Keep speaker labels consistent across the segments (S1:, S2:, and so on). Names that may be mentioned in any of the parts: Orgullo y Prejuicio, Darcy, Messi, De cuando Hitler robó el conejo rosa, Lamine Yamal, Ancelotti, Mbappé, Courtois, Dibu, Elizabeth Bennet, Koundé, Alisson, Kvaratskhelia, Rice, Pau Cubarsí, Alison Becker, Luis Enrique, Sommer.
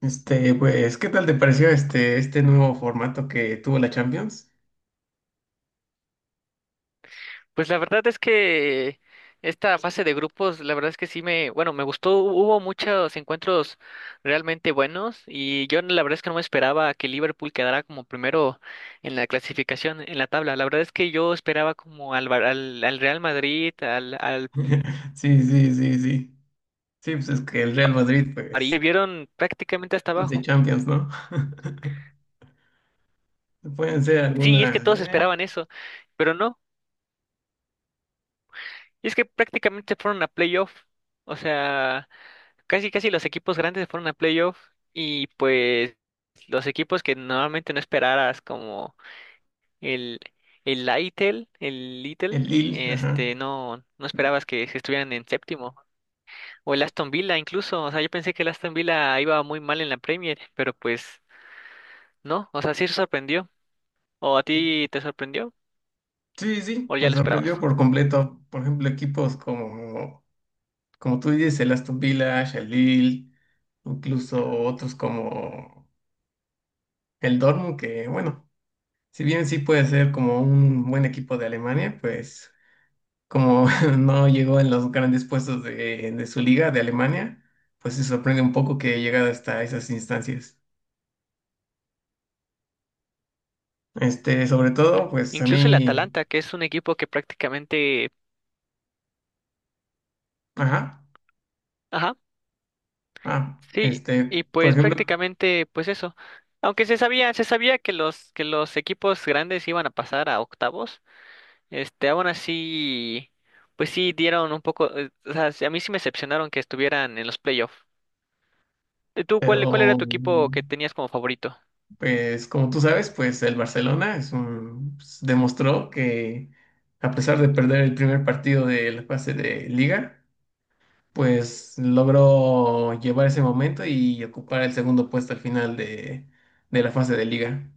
S1: ¿Qué tal te pareció este nuevo formato que tuvo la Champions?
S2: Pues la verdad es que esta fase de grupos, la verdad es que sí me, bueno, me gustó, hubo muchos encuentros realmente buenos y yo la verdad es que no me esperaba que Liverpool quedara como primero en la clasificación, en la tabla. La verdad es que yo esperaba como al, Bar- al, al Real Madrid, al, al
S1: Sí, sí, sí, sí. Sí, pues es que el Real Madrid,
S2: París, me
S1: pues,
S2: vieron prácticamente hasta
S1: 15
S2: abajo.
S1: Champions, ¿no? Pueden ser
S2: Sí, y es
S1: algunas,
S2: que todos esperaban eso, pero no, y es que prácticamente fueron a playoff, o sea, casi casi los equipos grandes se fueron a playoff y pues los equipos que normalmente no esperaras como el el Lytle, el Little,
S1: el Lille, ajá.
S2: este, no esperabas que estuvieran en séptimo o el Aston Villa incluso, o sea, yo pensé que el Aston Villa iba muy mal en la Premier, pero pues no, o sea, sí se sorprendió. ¿O a ti te sorprendió
S1: Sí, sí,
S2: o ya
S1: me
S2: lo
S1: sorprendió
S2: esperabas?
S1: por completo. Por ejemplo, equipos como tú dices, el Aston Villa, el Lille, incluso otros como el Dortmund, que bueno, si bien sí puede ser como un buen equipo de Alemania, pues como no llegó en los grandes puestos de su liga de Alemania, pues se sorprende un poco que haya llegado hasta esas instancias. Sobre todo, pues a
S2: Incluso el
S1: mí,
S2: Atalanta, que es un equipo que prácticamente,
S1: ajá,
S2: ajá,
S1: ah,
S2: sí, y
S1: por
S2: pues
S1: ejemplo,
S2: prácticamente, pues eso. Aunque se sabía que los equipos grandes iban a pasar a octavos, este, aún así, pues sí dieron un poco, o sea, sí, a mí sí me decepcionaron que estuvieran en los playoffs. ¿Tú
S1: pero
S2: cuál, cuál era tu equipo que tenías como favorito?
S1: pues como tú sabes, pues el Barcelona pues, demostró que a pesar de perder el primer partido de la fase de liga, pues logró llevar ese momento y ocupar el segundo puesto al final de la fase de liga,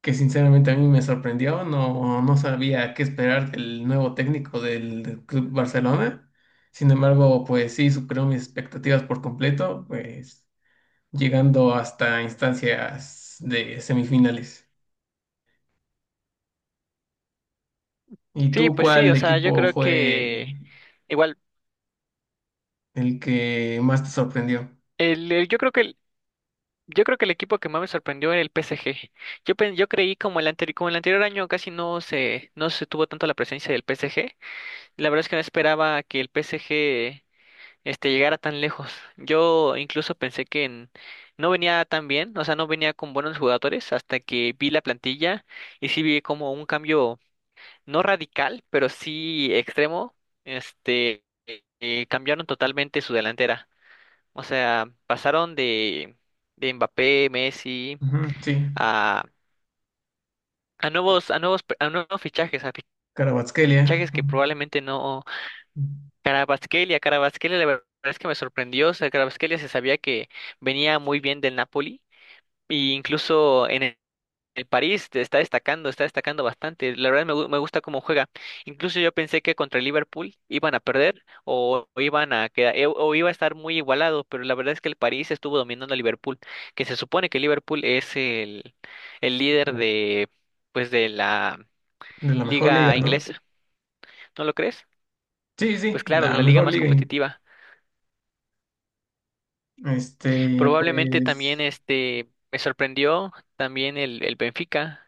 S1: que sinceramente a mí me sorprendió, no, no sabía qué esperar del nuevo técnico del Club Barcelona. Sin embargo, pues sí superó mis expectativas por completo, pues llegando hasta instancias de semifinales. ¿Y
S2: Sí,
S1: tú
S2: pues sí,
S1: cuál
S2: o sea, yo
S1: equipo
S2: creo
S1: fue
S2: que igual,
S1: el que más te sorprendió?
S2: el- yo creo que el, yo creo que el equipo que más me sorprendió era el PSG. Yo pen- yo creí como el anterior año casi no se, no se tuvo tanto la presencia del PSG. La verdad es que no esperaba que el PSG este llegara tan lejos. Yo incluso pensé que en- no venía tan bien, o sea, no venía con buenos jugadores hasta que vi la plantilla y sí vi como un cambio no radical, pero sí extremo. Este cambiaron totalmente su delantera. O sea, pasaron de Mbappé, Messi,
S1: Ujú, sí,
S2: a, a nuevos, pe- a nuevos fichajes, a
S1: Kvaratskhelia,
S2: fichajes que probablemente no. Carabasquelia, Carabasquelia, la verdad es que me sorprendió. O sea, Carabasquelia se sabía que venía muy bien del Napoli. E incluso en el París te está destacando bastante. La verdad me, gu- me gusta cómo juega. Incluso yo pensé que contra el Liverpool iban a perder o iban a quedar, e- o iba a estar muy igualado, pero la verdad es que el París estuvo dominando a Liverpool, que se supone que Liverpool es el líder de pues de la
S1: de la mejor liga,
S2: liga
S1: ¿no?
S2: inglesa, ¿no lo crees?
S1: Sí, sí,
S2: Pues claro, de
S1: la
S2: la liga
S1: mejor
S2: más
S1: liga.
S2: competitiva. Probablemente también
S1: Pues,
S2: este me sorprendió también el Benfica.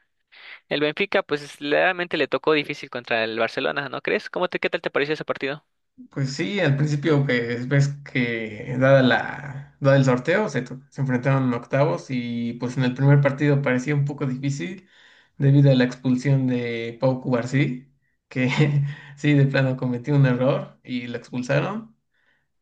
S2: El Benfica, pues realmente le tocó difícil contra el Barcelona, ¿no crees? ¿Cómo te, qué tal te pareció ese partido?
S1: sí, al principio pues ves que dada el sorteo, se enfrentaron en octavos y pues en el primer partido parecía un poco difícil debido a la expulsión de Pau Cubarsí, que sí, de plano cometió un error y lo expulsaron.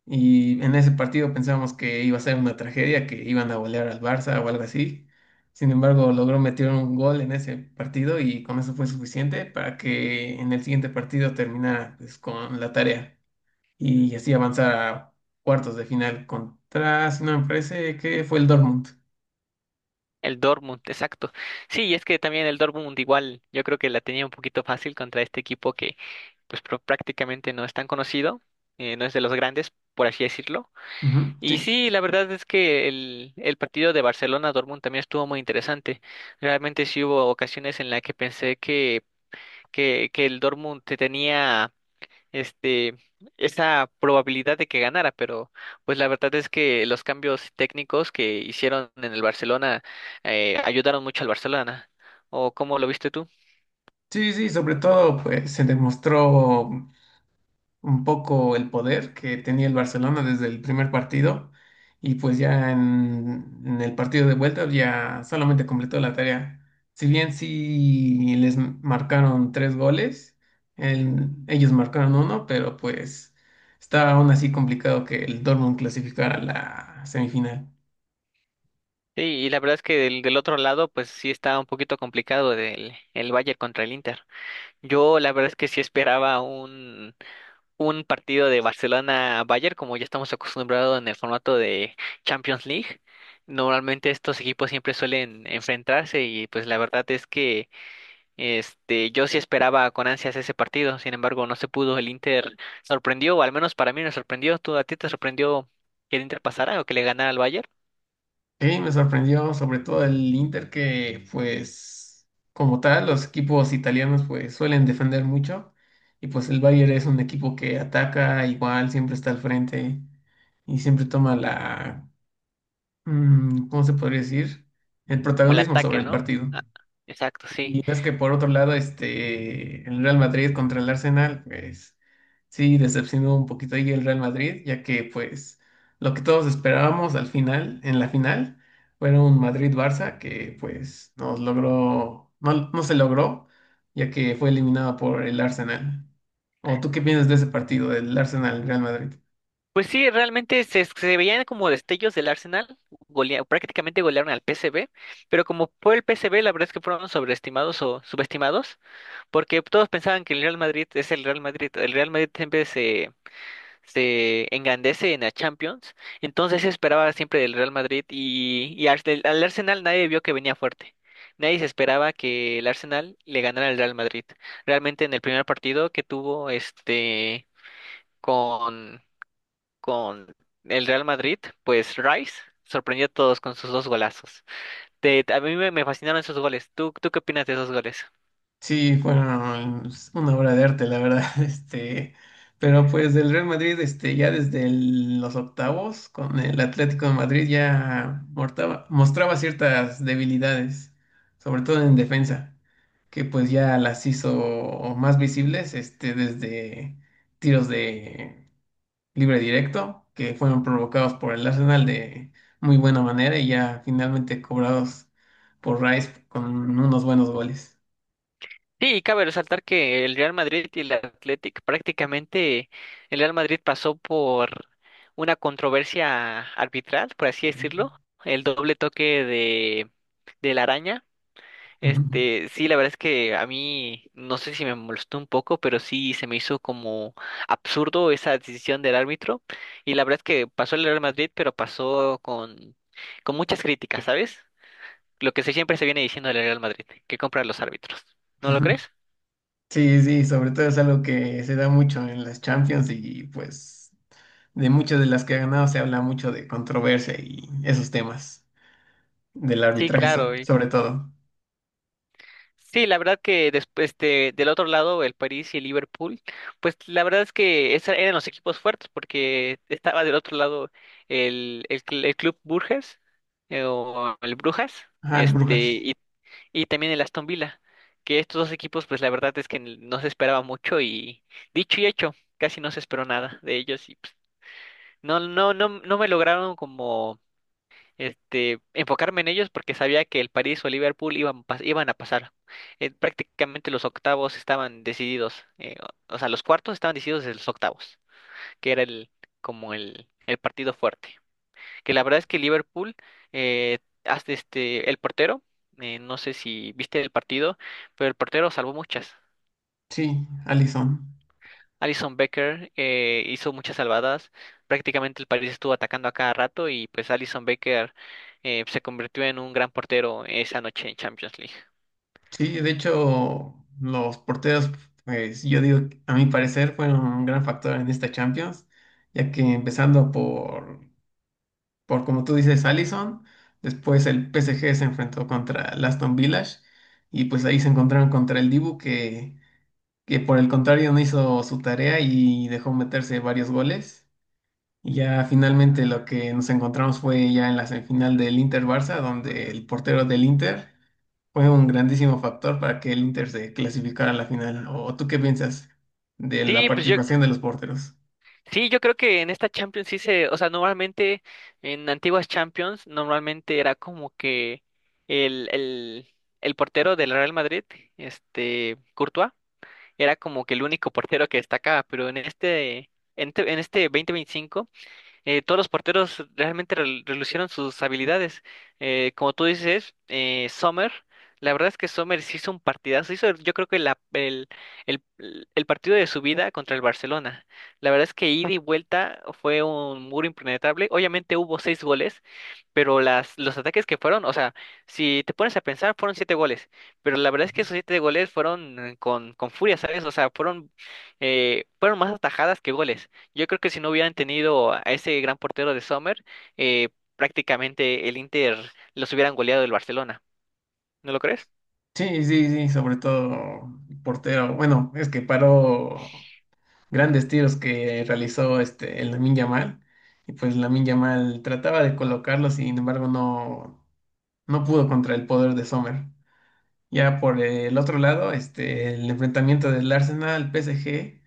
S1: Y en ese partido pensábamos que iba a ser una tragedia, que iban a golear al Barça o algo así. Sin embargo, logró meter un gol en ese partido y con eso fue suficiente para que en el siguiente partido terminara, pues, con la tarea y así avanzar a cuartos de final contra, si no me parece, que fue el Dortmund.
S2: El Dortmund, exacto. Sí, y es que también el Dortmund igual, yo creo que la tenía un poquito fácil contra este equipo que pues pro- prácticamente no es tan conocido, no es de los grandes, por así decirlo.
S1: Ujú. Sí,
S2: Y sí, la verdad es que el partido de Barcelona-Dortmund también estuvo muy interesante. Realmente sí hubo ocasiones en las que pensé que el Dortmund te tenía este, esa probabilidad de que ganara, pero pues la verdad es que los cambios técnicos que hicieron en el Barcelona ayudaron mucho al Barcelona. ¿O cómo lo viste tú?
S1: sí, sí, sobre todo pues se demostró un poco el poder que tenía el Barcelona desde el primer partido, y pues ya en el partido de vuelta ya solamente completó la tarea. Si bien sí les marcaron tres goles, ellos marcaron uno, pero pues está aún así complicado que el Dortmund clasificara a la semifinal.
S2: Sí, y la verdad es que del, del otro lado, pues sí está un poquito complicado del, el Bayern contra el Inter. Yo la verdad es que sí esperaba un partido de Barcelona-Bayern, como ya estamos acostumbrados en el formato de Champions League. Normalmente estos equipos siempre suelen enfrentarse y pues la verdad es que este, yo sí esperaba con ansias ese partido, sin embargo, no se pudo. El Inter sorprendió, o al menos para mí me sorprendió. ¿Tú a ti te sorprendió que el Inter pasara o que le ganara al Bayern?
S1: Sí, me sorprendió sobre todo el Inter, que pues como tal los equipos italianos pues suelen defender mucho, y pues el Bayern es un equipo que ataca igual, siempre está al frente y siempre toma la, mm, ¿cómo se podría decir? El
S2: Como el
S1: protagonismo
S2: ataque,
S1: sobre el
S2: ¿no?
S1: partido.
S2: Ah, exacto, sí.
S1: Y ves que por otro lado, el Real Madrid contra el Arsenal, pues sí, decepcionó un poquito ahí el Real Madrid, ya que pues lo que todos esperábamos al final, en la final, fue un Madrid-Barça que pues nos logró, no, no se logró, ya que fue eliminado por el Arsenal. ¿O tú qué piensas de ese partido, del Arsenal-Real Madrid?
S2: Pues sí, realmente se, se veían como destellos del Arsenal, golea- prácticamente golearon al PSV, pero como fue el PSV, la verdad es que fueron sobreestimados o subestimados, porque todos pensaban que el Real Madrid es el Real Madrid. El Real Madrid siempre se engrandece en la Champions, entonces se esperaba siempre del Real Madrid y Arse- al Arsenal nadie vio que venía fuerte. Nadie se esperaba que el Arsenal le ganara al Real Madrid. Realmente en el primer partido que tuvo este con, con el Real Madrid, pues Rice sorprendió a todos con sus dos golazos. Te- a mí me, me fascinaron esos goles. ¿Tú, tú qué opinas de esos goles?
S1: Sí, fueron, pues, una obra de arte, la verdad, pero pues el Real Madrid, ya desde los octavos con el Atlético de Madrid ya mostraba ciertas debilidades, sobre todo en defensa, que pues ya las hizo más visibles, desde tiros de libre directo, que fueron provocados por el Arsenal de muy buena manera y ya finalmente cobrados por Rice con unos buenos goles.
S2: Sí, cabe resaltar que el Real Madrid y el Athletic prácticamente el Real Madrid pasó por una controversia arbitral, por así decirlo, el doble toque de la araña.
S1: Ujú.
S2: Este, sí, la verdad es que a mí no sé si me molestó un poco, pero sí se me hizo como absurdo esa decisión del árbitro y la verdad es que pasó el Real Madrid, pero pasó con muchas críticas, ¿sabes? Lo que se- siempre se viene diciendo del Real Madrid, que compra los árbitros. ¿No lo
S1: Ujú.
S2: crees?
S1: Sí, sí, sobre todo es algo que se da mucho en las Champions, y pues de muchas de las que ha ganado se habla mucho de controversia y esos temas del
S2: Sí,
S1: arbitraje
S2: claro. Y-
S1: sobre todo.
S2: sí, la verdad que después este, del otro lado, el París y el Liverpool, pues la verdad es que esos eran los equipos fuertes porque estaba del otro lado el, cl- el Club Burges o el Brujas,
S1: Ajá, el
S2: este
S1: Brujas.
S2: y también el Aston Villa, que estos dos equipos pues la verdad es que n- no se esperaba mucho y dicho y hecho, casi no se esperó nada de ellos y pues, no me lograron como este, enfocarme en ellos porque sabía que el París o Liverpool iban, pas- iban a pasar. Prácticamente los octavos estaban decididos, o sea, los cuartos estaban decididos desde los octavos, que era el, como el partido fuerte. Que la verdad es que Liverpool, eh, hasta este, el portero, no sé si viste el partido, pero el portero salvó muchas.
S1: Sí, Alisson.
S2: Alison Becker hizo muchas salvadas. Prácticamente el París estuvo atacando a cada rato y pues Alison Becker se convirtió en un gran portero esa noche en Champions League.
S1: Sí, de hecho los porteros, pues yo digo, a mi parecer fueron un gran factor en esta Champions, ya que empezando por como tú dices, Allison. Después el PSG se enfrentó contra el Aston Villa y pues ahí se encontraron contra el Dibu, que por el contrario no hizo su tarea y dejó meterse varios goles. Y ya finalmente lo que nos encontramos fue ya en la semifinal del Inter-Barça, donde el portero del Inter fue un grandísimo factor para que el Inter se clasificara a la final. ¿O tú qué piensas de la
S2: Sí, pues yo
S1: participación de los porteros?
S2: sí, yo creo que en esta Champions sí se, o sea, normalmente en antiguas Champions normalmente era como que el el el portero del Real Madrid, este Courtois, era como que el único portero que destacaba, pero en este en, te- en este 2025 todos los porteros realmente rel- relucieron sus habilidades. Como tú dices, Sommer, la verdad es que Sommer sí hizo un partidazo, hizo yo creo que la- el, el partido de su vida contra el Barcelona. La verdad es que ida y vuelta fue un muro impenetrable. Obviamente hubo seis goles, pero las, los ataques que fueron, o sea, si te pones a pensar, fueron siete goles, pero la verdad es que esos siete goles fueron con furia, ¿sabes? O sea, fueron, fueron más atajadas que goles. Yo creo que si no hubieran tenido a ese gran portero de Sommer, eh, prácticamente el Inter los hubieran goleado del Barcelona, ¿no lo crees?
S1: Sí, sí, sí, sobre todo portero. Bueno, es que paró grandes tiros que realizó el Lamine Yamal. Y pues Lamine Yamal trataba de colocarlo, sin embargo, no, no pudo contra el poder de Sommer. Ya por el otro lado, el enfrentamiento del Arsenal PSG,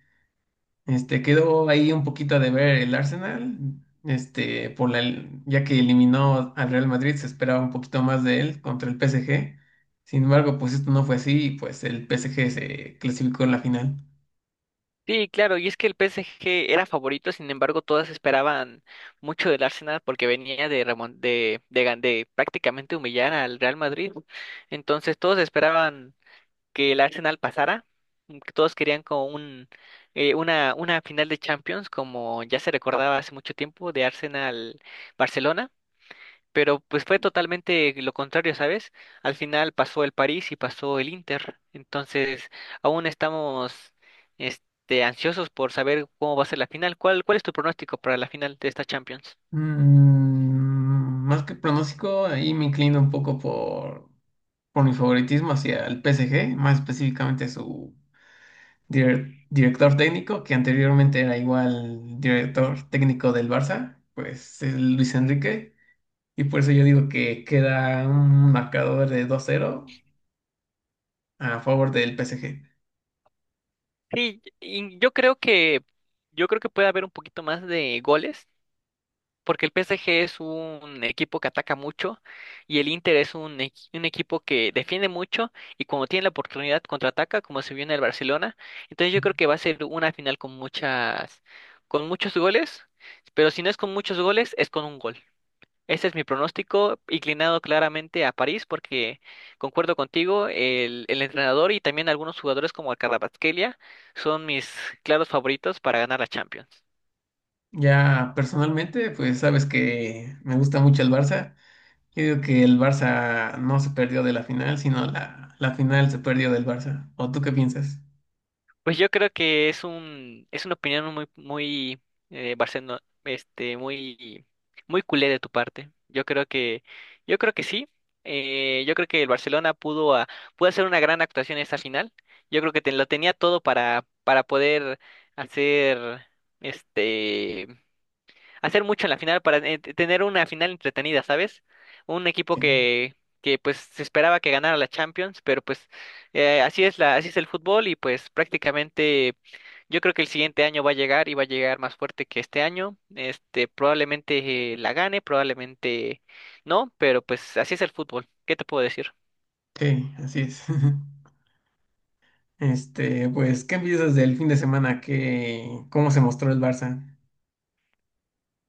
S1: quedó ahí un poquito de ver el Arsenal, este, por la, ya que eliminó al Real Madrid, se esperaba un poquito más de él contra el PSG. Sin embargo, pues esto no fue así y pues el PSG se clasificó en la final.
S2: Sí, claro, y es que el PSG era favorito, sin embargo, todas esperaban mucho del Arsenal porque venía de, remon- de gan- de prácticamente humillar al Real Madrid. Entonces, todos esperaban que el Arsenal pasara. Que todos querían como un, una final de Champions, como ya se recordaba hace mucho tiempo, de Arsenal-Barcelona, pero pues fue totalmente lo contrario, ¿sabes? Al final pasó el París y pasó el Inter, entonces aún estamos este, ansiosos por saber cómo va a ser la final. ¿Cuál, cuál es tu pronóstico para la final de esta Champions?
S1: Más que pronóstico, ahí me inclino un poco por mi favoritismo hacia el PSG, más específicamente su director técnico, que anteriormente era igual director técnico del Barça, pues es Luis Enrique, y por eso yo digo que queda un marcador de 2-0 a favor del PSG.
S2: Sí, y yo creo que puede haber un poquito más de goles porque el PSG es un equipo que ataca mucho y el Inter es un, equi- un equipo que defiende mucho y cuando tiene la oportunidad contraataca, como se vio en el Barcelona. Entonces yo creo que va a ser una final con muchas, con muchos goles, pero si no es con muchos goles, es con un gol. Ese es mi pronóstico, inclinado claramente a París, porque concuerdo contigo, el entrenador y también algunos jugadores como el Kvaratskhelia son mis claros favoritos para ganar la Champions.
S1: Ya personalmente, pues sabes que me gusta mucho el Barça. Yo digo que el Barça no se perdió de la final, sino la final se perdió del Barça. ¿O tú qué piensas?
S2: Pues yo creo que es un, es una opinión muy, muy, Barcelona, este, muy, muy culé de tu parte. Yo creo que sí. Yo creo que el Barcelona pudo, a- pudo hacer una gran actuación en esta final. Yo creo que te- lo tenía todo para poder hacer, este, hacer mucho en la final para t- tener una final entretenida, ¿sabes? Un equipo
S1: Sí,
S2: que pues se esperaba que ganara la Champions, pero pues así es la, así es el fútbol y pues prácticamente yo creo que el siguiente año va a llegar y va a llegar más fuerte que este año. Este, probablemente la gane, probablemente no, pero pues así es el fútbol. ¿Qué te puedo decir?
S1: sí, así es. Pues, ¿qué piensas del fin de semana? ¿Qué, cómo se mostró el Barça?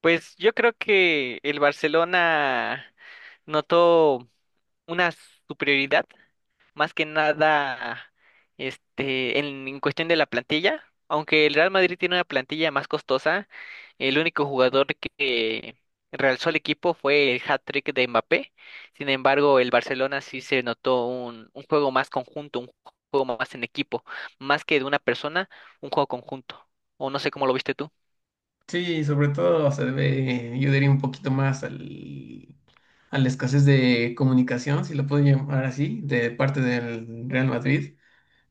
S2: Pues yo creo que el Barcelona notó una superioridad más que nada este, en cuestión de la plantilla. Aunque el Real Madrid tiene una plantilla más costosa, el único jugador que realzó el equipo fue el hat-trick de Mbappé. Sin embargo, el Barcelona sí se notó un juego más conjunto, un juego más en equipo, más que de una persona, un juego conjunto. O no sé cómo lo viste tú.
S1: Sí, sobre todo se debe, yo diría, un poquito más al, a la escasez de comunicación, si lo puedo llamar así, de parte del Real Madrid,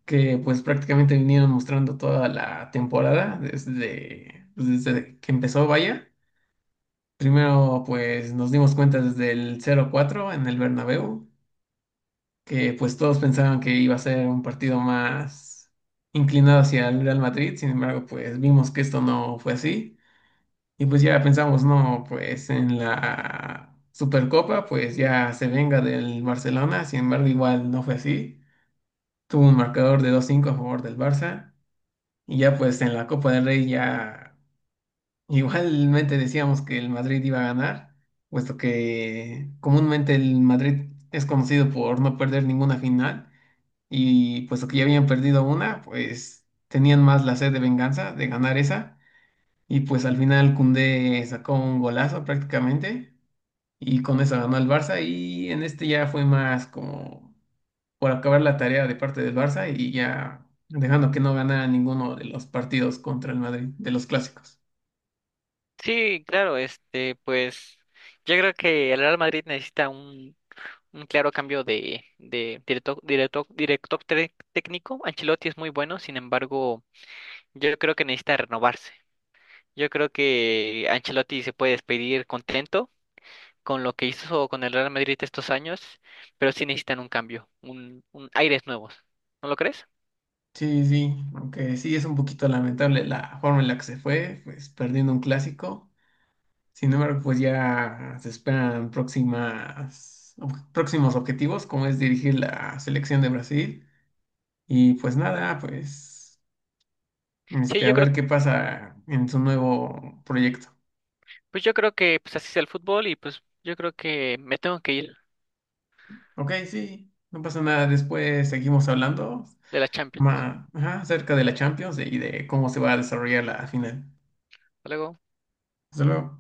S1: que pues prácticamente vinieron mostrando toda la temporada desde, pues, desde que empezó, vaya. Primero, pues nos dimos cuenta desde el 0-4 en el Bernabéu, que pues todos pensaban que iba a ser un partido más inclinado hacia el Real Madrid, sin embargo, pues vimos que esto no fue así. Y pues ya pensamos, no, pues en la Supercopa, pues ya se venga del Barcelona, sin embargo, igual no fue así. Tuvo un marcador de 2-5 a favor del Barça. Y ya pues en la Copa del Rey ya igualmente decíamos que el Madrid iba a ganar, puesto que comúnmente el Madrid es conocido por no perder ninguna final, y puesto que ya habían perdido una, pues tenían más la sed de venganza de ganar esa, y pues al final Koundé sacó un golazo prácticamente y con eso ganó el Barça, y en este ya fue más como por acabar la tarea de parte del Barça y ya dejando que no ganara ninguno de los partidos contra el Madrid, de los clásicos.
S2: Sí, claro, este, pues yo creo que el Real Madrid necesita un claro cambio de directo, directo, director tec- técnico. Ancelotti es muy bueno, sin embargo, yo creo que necesita renovarse. Yo creo que Ancelotti se puede despedir contento con lo que hizo con el Real Madrid estos años, pero sí necesitan un cambio, un aires nuevos. ¿No lo crees?
S1: Sí, sí, aunque sí es un poquito lamentable la forma en la que se fue, pues perdiendo un clásico. Sin embargo, pues ya se esperan próximos objetivos, como es dirigir la selección de Brasil. Y pues nada, pues
S2: Sí,
S1: a
S2: yo creo,
S1: ver qué pasa en su nuevo proyecto.
S2: pues yo creo que pues así es el fútbol y pues yo creo que me tengo que ir
S1: Ok, sí, no pasa nada. Después seguimos hablando
S2: de la Champions.
S1: ajá, acerca de la Champions y de cómo se va a desarrollar la final.
S2: Hasta luego.
S1: Hasta luego.